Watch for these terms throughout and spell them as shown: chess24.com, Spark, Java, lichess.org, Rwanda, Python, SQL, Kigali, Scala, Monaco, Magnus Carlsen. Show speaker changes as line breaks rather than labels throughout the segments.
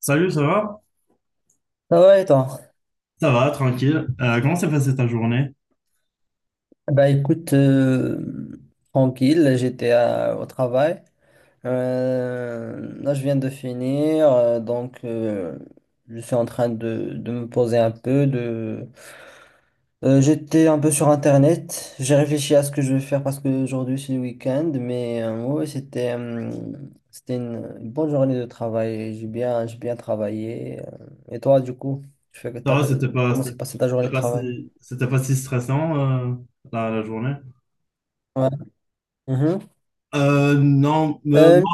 Salut, ça va?
Ah ouais, toi.
Ça va, tranquille. Comment s'est passée ta journée?
Bah écoute, tranquille, j'étais au travail. Là, je viens de finir, donc je suis en train de me poser un peu. J'étais un peu sur Internet, j'ai réfléchi à ce que je vais faire parce qu'aujourd'hui c'est le week-end, mais ouais, c'était une bonne journée de travail, j'ai bien travaillé. Et toi, du coup, tu fais,
Ça
t'as
va,
fait- comment s'est
c'était
passée ta journée de travail?
c'était pas si stressant, euh, la journée?
Ouais. Mhm.
Non, mais
Euh,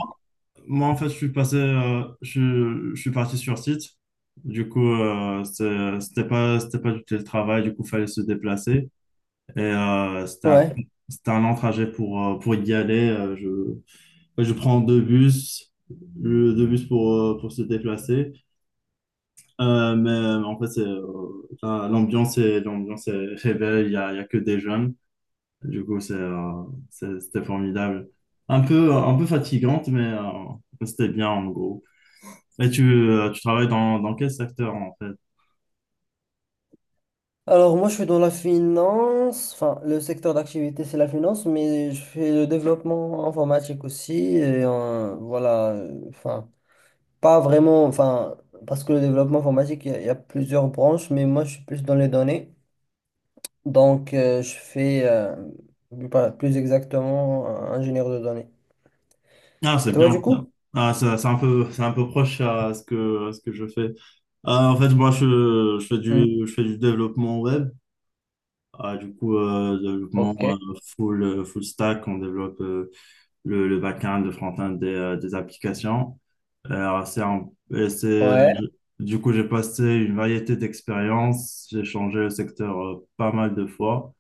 moi, en fait, je suis passé, je suis parti sur site. Du coup, c'était pas du télétravail. Du coup, fallait se déplacer. Et c'était
ouais.
c'était un long trajet pour y aller. Ouais, je prends deux bus, deux bus pour se déplacer. En fait, l'ambiance est belle. Il y a que des jeunes. Du coup, c'était formidable. Un peu fatigante, c'était bien en gros. Et tu travailles dans quel secteur en fait?
Alors moi je suis dans la finance, enfin le secteur d'activité c'est la finance, mais je fais le développement informatique aussi, et voilà, enfin pas vraiment, enfin parce que le développement informatique il y a il y a plusieurs branches, mais moi je suis plus dans les données, donc je fais plus exactement ingénieur de données.
Ah, c'est
Et toi du
bien.
coup?
Ah, c'est un peu proche à ce à ce que je fais. Ah, en fait, je fais
Hmm.
je fais du développement web. Ah, du coup,
Ok.
développement full stack. On développe le back-end, le front-end des applications. Alors, c'est un- et c'est,
Ouais,
du coup, j'ai passé une variété d'expériences. J'ai changé le secteur pas mal de fois.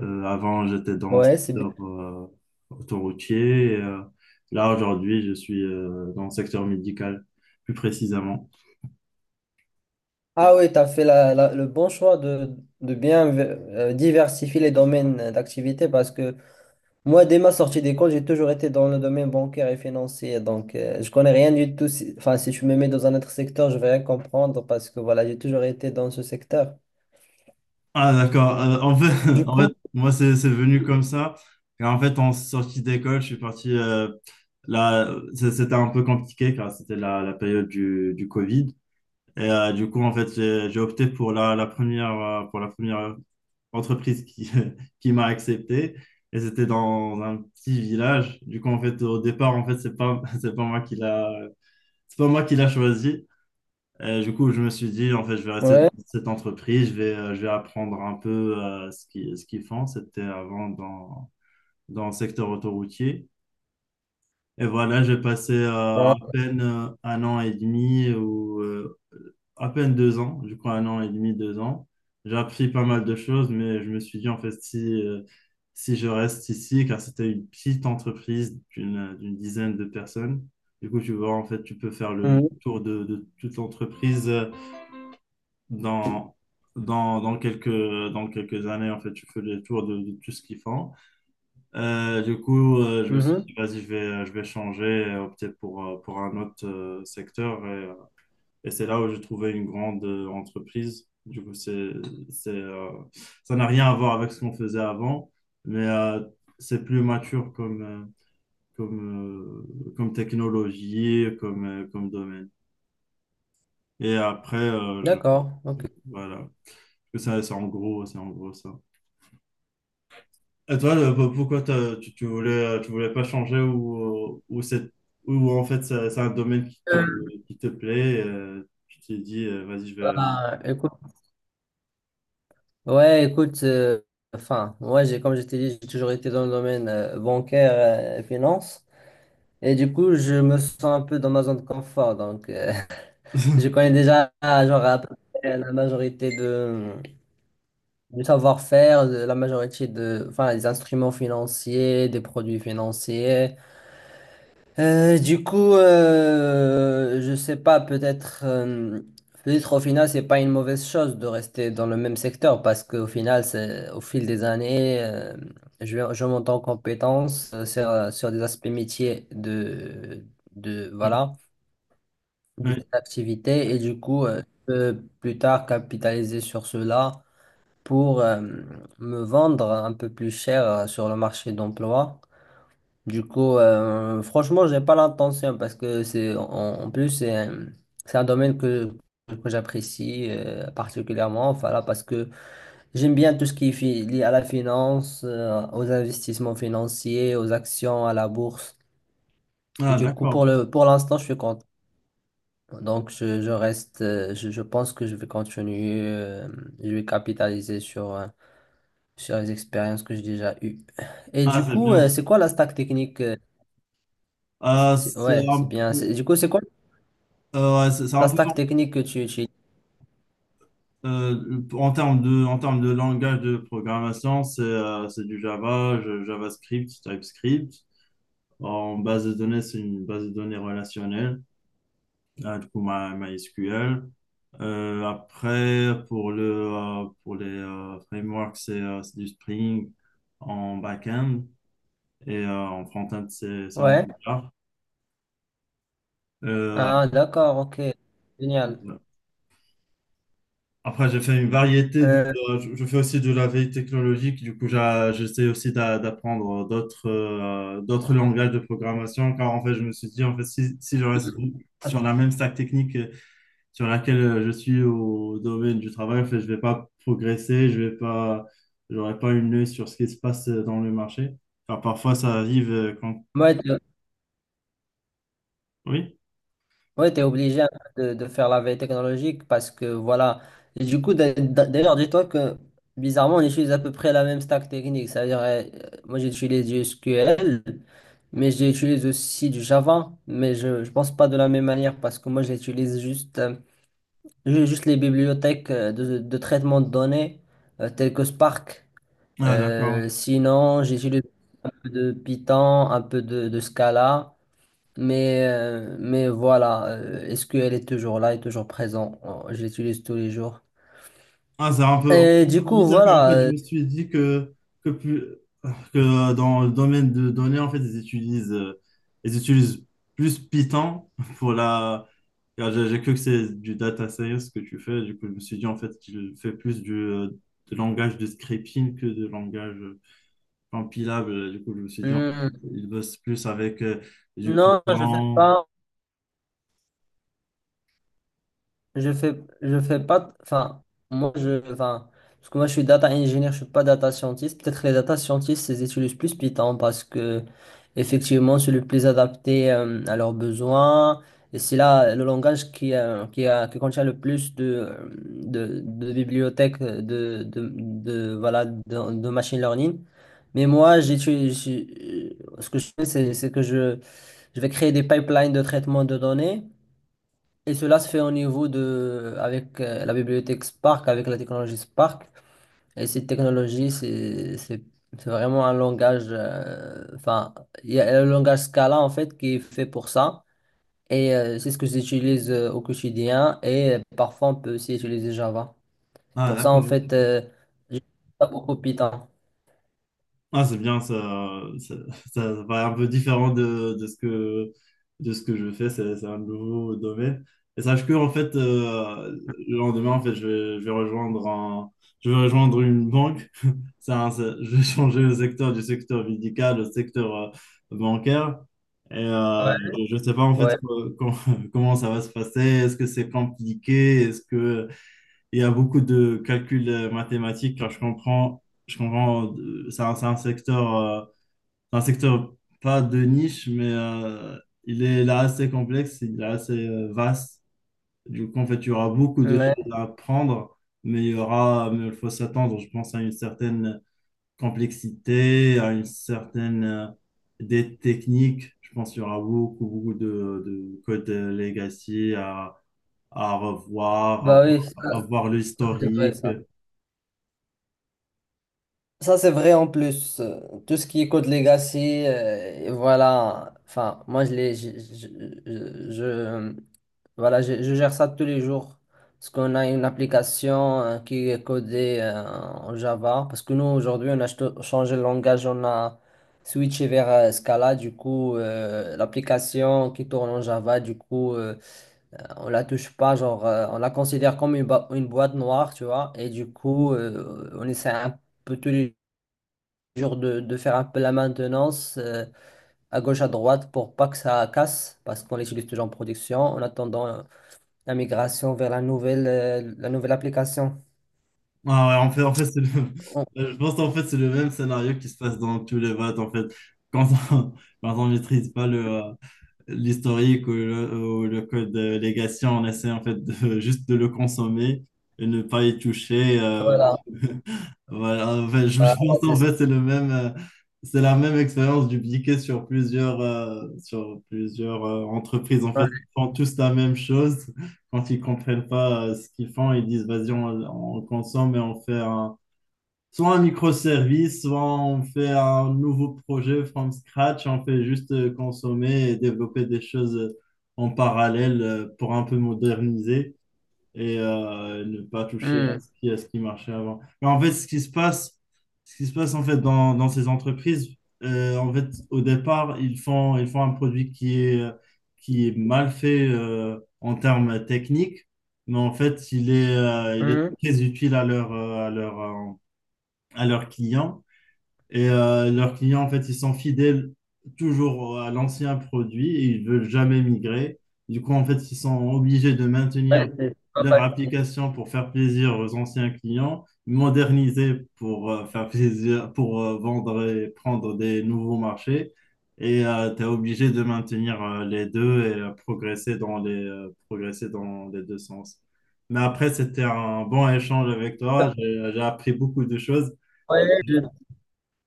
Avant, j'étais dans le
ouais, c'est bien.
secteur autoroutier. Et, là, aujourd'hui, je suis dans le secteur médical, plus précisément.
Ah oui, tu as fait le bon choix de bien diversifier les domaines d'activité parce que moi, dès ma sortie d'école, j'ai toujours été dans le domaine bancaire et financier. Donc, je connais rien du tout. Enfin, si tu me mets dans un autre secteur, je vais rien comprendre parce que voilà, j'ai toujours été dans ce secteur.
Ah, d'accord. En fait,
Du
en fait,
coup,
moi, c'est venu comme ça. Et en fait, en sortie d'école, je suis parti. Là, c'était un peu compliqué car c'était la période du Covid. Et du coup, en fait, j'ai opté pour la première, pour la première entreprise qui, qui m'a accepté. Et c'était dans un petit village. Du coup, en fait, au départ, en fait, c'est pas, c'est pas moi qui c'est pas moi qui l'a choisi. Et du coup, je me suis dit, en fait, je vais rester dans
ouais.
cette entreprise, je vais apprendre un peu ce ce qu'ils font. C'était avant dans le secteur autoroutier. Et voilà, j'ai passé à
Ouais,
peine un an et demi à peine deux ans, du coup un an et demi, deux ans. J'ai appris pas mal de choses, mais je me suis dit en fait si je reste ici, car c'était une petite entreprise d'une dizaine de personnes, du coup tu vois en fait tu peux faire le
mhm,
tour de toute l'entreprise dans, dans quelques années, en fait tu fais le tour de tout ce qu'ils font. Je me suis
mhm.
dit vas-y je vais changer et opter pour un autre secteur. Et c'est là où j'ai trouvé une grande entreprise. Du coup, c'est, euh, ça n'a rien à voir avec ce qu'on faisait avant, mais c'est plus mature comme, comme, comme technologie, comme domaine. Et après,
D'accord. Ok.
voilà. Ça, c'est en gros ça. Et toi, pourquoi tu voulais pas changer ou, ou en fait, c'est un domaine qui qui te plaît, tu t'es dit, vas-y, je vais.
Bah, écoute, ouais, écoute. Enfin, moi, j'ai, comme je t'ai dit, j'ai toujours été dans le domaine bancaire et finance. Et du coup, je me sens un peu dans ma zone de confort. Donc, je connais déjà, genre, à peu près la majorité de du savoir-faire, de la majorité de, enfin, des instruments financiers, des produits financiers. Du coup, je sais pas, peut-être au final, c'est pas une mauvaise chose de rester dans le même secteur parce qu'au final, c'est, au fil des années, je monte en compétences sur, sur des aspects métiers de, voilà, de
Oui,
cette activité et du coup, je peux plus tard capitaliser sur cela pour me vendre un peu plus cher sur le marché d'emploi. Du coup, franchement, j'ai pas l'intention parce que en plus c'est un domaine que j'apprécie particulièrement, voilà, parce que j'aime bien tout ce qui est lié à la finance, aux investissements financiers, aux actions, à la bourse.
ah,
Du coup,
d'accord.
pour l'instant, je suis content. Donc, je reste, je pense que je vais continuer, je vais capitaliser sur, sur les expériences que j'ai déjà eues. Et
Ah,
du
c'est
coup,
bien.
c'est quoi la stack technique?
C'est
Ouais, c'est
un
bien.
peu,
Du coup, c'est quoi
ouais, c'est un
la
peu
stack technique que tu utilises?
En termes de, en termes de langage de programmation, c'est du Java, JavaScript, TypeScript. En base de données, c'est une base de données relationnelle, du coup, MySQL. Après, pour pour les frameworks, c'est du Spring en back-end et en front-end, c'est
Ouais.
Angular. Euh,
Ah, d'accord, ok. Génial.
Après, j'ai fait une variété de.
Euh,
Je fais aussi de la veille technologique. Du coup, j'essaie aussi d'apprendre d'autres d'autres langages de programmation. Car en fait, je me suis dit, en fait, si je reste sur la même stack technique sur laquelle je suis au domaine du travail, en fait, je vais pas progresser. Je vais pas. J'aurai pas une œil sur ce qui se passe dans le marché. Car parfois, ça arrive quand.
ouais,
Oui?
ouais, t'es obligé un peu de faire la veille technologique parce que voilà. Et du coup, d'ailleurs, dis-toi que bizarrement, on utilise à peu près la même stack technique. C'est-à-dire, moi, j'utilise du SQL, mais j'utilise aussi du Java, mais je ne pense pas de la même manière parce que moi, j'utilise juste. Juste les bibliothèques de traitement de données telles que Spark.
Ah, d'accord.
Sinon, j'utilise un peu de Python, un peu de Scala, mais voilà, SQL est toujours là, est toujours présent. Oh, je l'utilise tous les jours.
Ah, c'est
Et du
un peu
coup,
bizarre car en
voilà.
fait, je me suis dit plus, que dans le domaine de données, en fait, ils utilisent plus Python pour la. Car j'ai cru que c'est du data science que tu fais. Du coup, je me suis dit en fait qu'il fait plus du de langage de scripting que de langage compilable. Du coup, je me suis dit en fait,
Hmm.
il bosse plus avec du
Non, je ne fais
Python.
pas. Je fais pas, enfin, enfin, parce que moi, je suis data engineer, je suis pas data scientist. Peut-être les data scientists, ils utilisent plus Python parce que, effectivement, c'est le plus adapté à leurs besoins. Et c'est là le langage qui contient le plus de, de bibliothèques de, voilà, de machine learning. Mais moi, ce que je fais, c'est que je vais créer des pipelines de traitement de données. Et cela se fait au niveau de, avec la bibliothèque Spark, avec la technologie Spark. Et cette technologie, c'est vraiment un langage, enfin, il y a le langage Scala en fait qui est fait pour ça. Et c'est ce que j'utilise au quotidien. Et parfois, on peut aussi utiliser Java. Et
Ah,
pour ça, en
d'accord.
fait,
Ok.
j'utilise pas beaucoup Python.
Ah, c'est bien, ça paraît un peu différent de ce de ce que je fais, c'est un nouveau domaine. Et sache que, en fait, le lendemain, en fait, je vais rejoindre je vais rejoindre une banque. Je vais changer le secteur du secteur médical au secteur bancaire. Et
Ouais.
je ne sais pas, en fait,
Ouais.
comment ça va se passer. Est-ce que c'est compliqué? Est-ce que il y a beaucoup de calculs mathématiques, car je comprends, c'est c'est un secteur pas de niche, mais il est là assez complexe, il est assez vaste. Du coup, en fait, il y aura beaucoup de
Ouais.
choses à apprendre, mais il y aura, mais il faut s'attendre, je pense, à une certaine complexité, à une certaine, des techniques. Je pense qu'il y aura beaucoup, beaucoup de codes legacy à revoir,
Bah oui, ça,
à voir
c'est vrai
l'historique.
ça. Ça, c'est vrai en plus. Tout ce qui est Code Legacy, et voilà. Enfin, moi, je, l'ai- je- voilà, je gère ça tous les jours. Parce qu'on a une application qui est codée en Java. Parce que nous, aujourd'hui, on a changé le langage, on a switché vers Scala. Du coup, l'application qui tourne en Java, du coup, on la touche pas. Genre, on la considère comme une boîte noire, tu vois. Et du coup, on essaie un peu tous les genre de faire un peu la maintenance à gauche, à droite pour pas que ça casse, parce qu'on l'utilise toujours en production, en attendant la migration vers la la nouvelle application.
Ah ouais, en fait, c'est le…
On-
Je pense qu'en fait, c'est le même scénario qui se passe dans tous les votes, en fait. Quand on, quand on maîtrise pas l'historique ou le code de légation, on essaie en fait de, juste de le consommer et ne pas y toucher.
Voilà,
Voilà, en fait, je
voilà,
pense
c'est
en
ça.
fait c'est la même expérience dupliquée sur plusieurs entreprises. En fait, ils
Ouais.
font tous la même chose. Quand ils comprennent pas ce qu'ils font, ils disent vas-y, on consomme et on fait un soit un microservice, soit on fait un nouveau projet from scratch, on fait juste consommer et développer des choses en parallèle pour un peu moderniser et ne pas toucher à
Hmm,
ce à ce qui marchait avant. Mais en fait, ce qui se passe en fait dans ces entreprises, en fait, au départ, ils font un produit qui est mal fait en termes techniques, mais en fait, il est
hmm.
très utile à leur, à leurs clients. Et leurs clients, en fait, ils sont fidèles toujours à l'ancien produit et ils veulent jamais migrer. Du coup, en fait, ils sont obligés de
Ouais,
maintenir
c'est pas
leur
facile.
application pour faire plaisir aux anciens clients, moderniser pour faire plaisir, pour vendre et prendre des nouveaux marchés. Et tu es obligé de maintenir les deux et progresser dans progresser dans les deux sens. Mais après, c'était un bon échange avec toi. J'ai appris beaucoup de choses.
Ouais,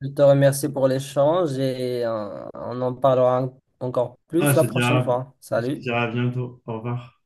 je te remercie pour l'échange et on en parlera encore
Ah,
plus la prochaine fois.
je te
Salut.
dirai à bientôt. Au revoir.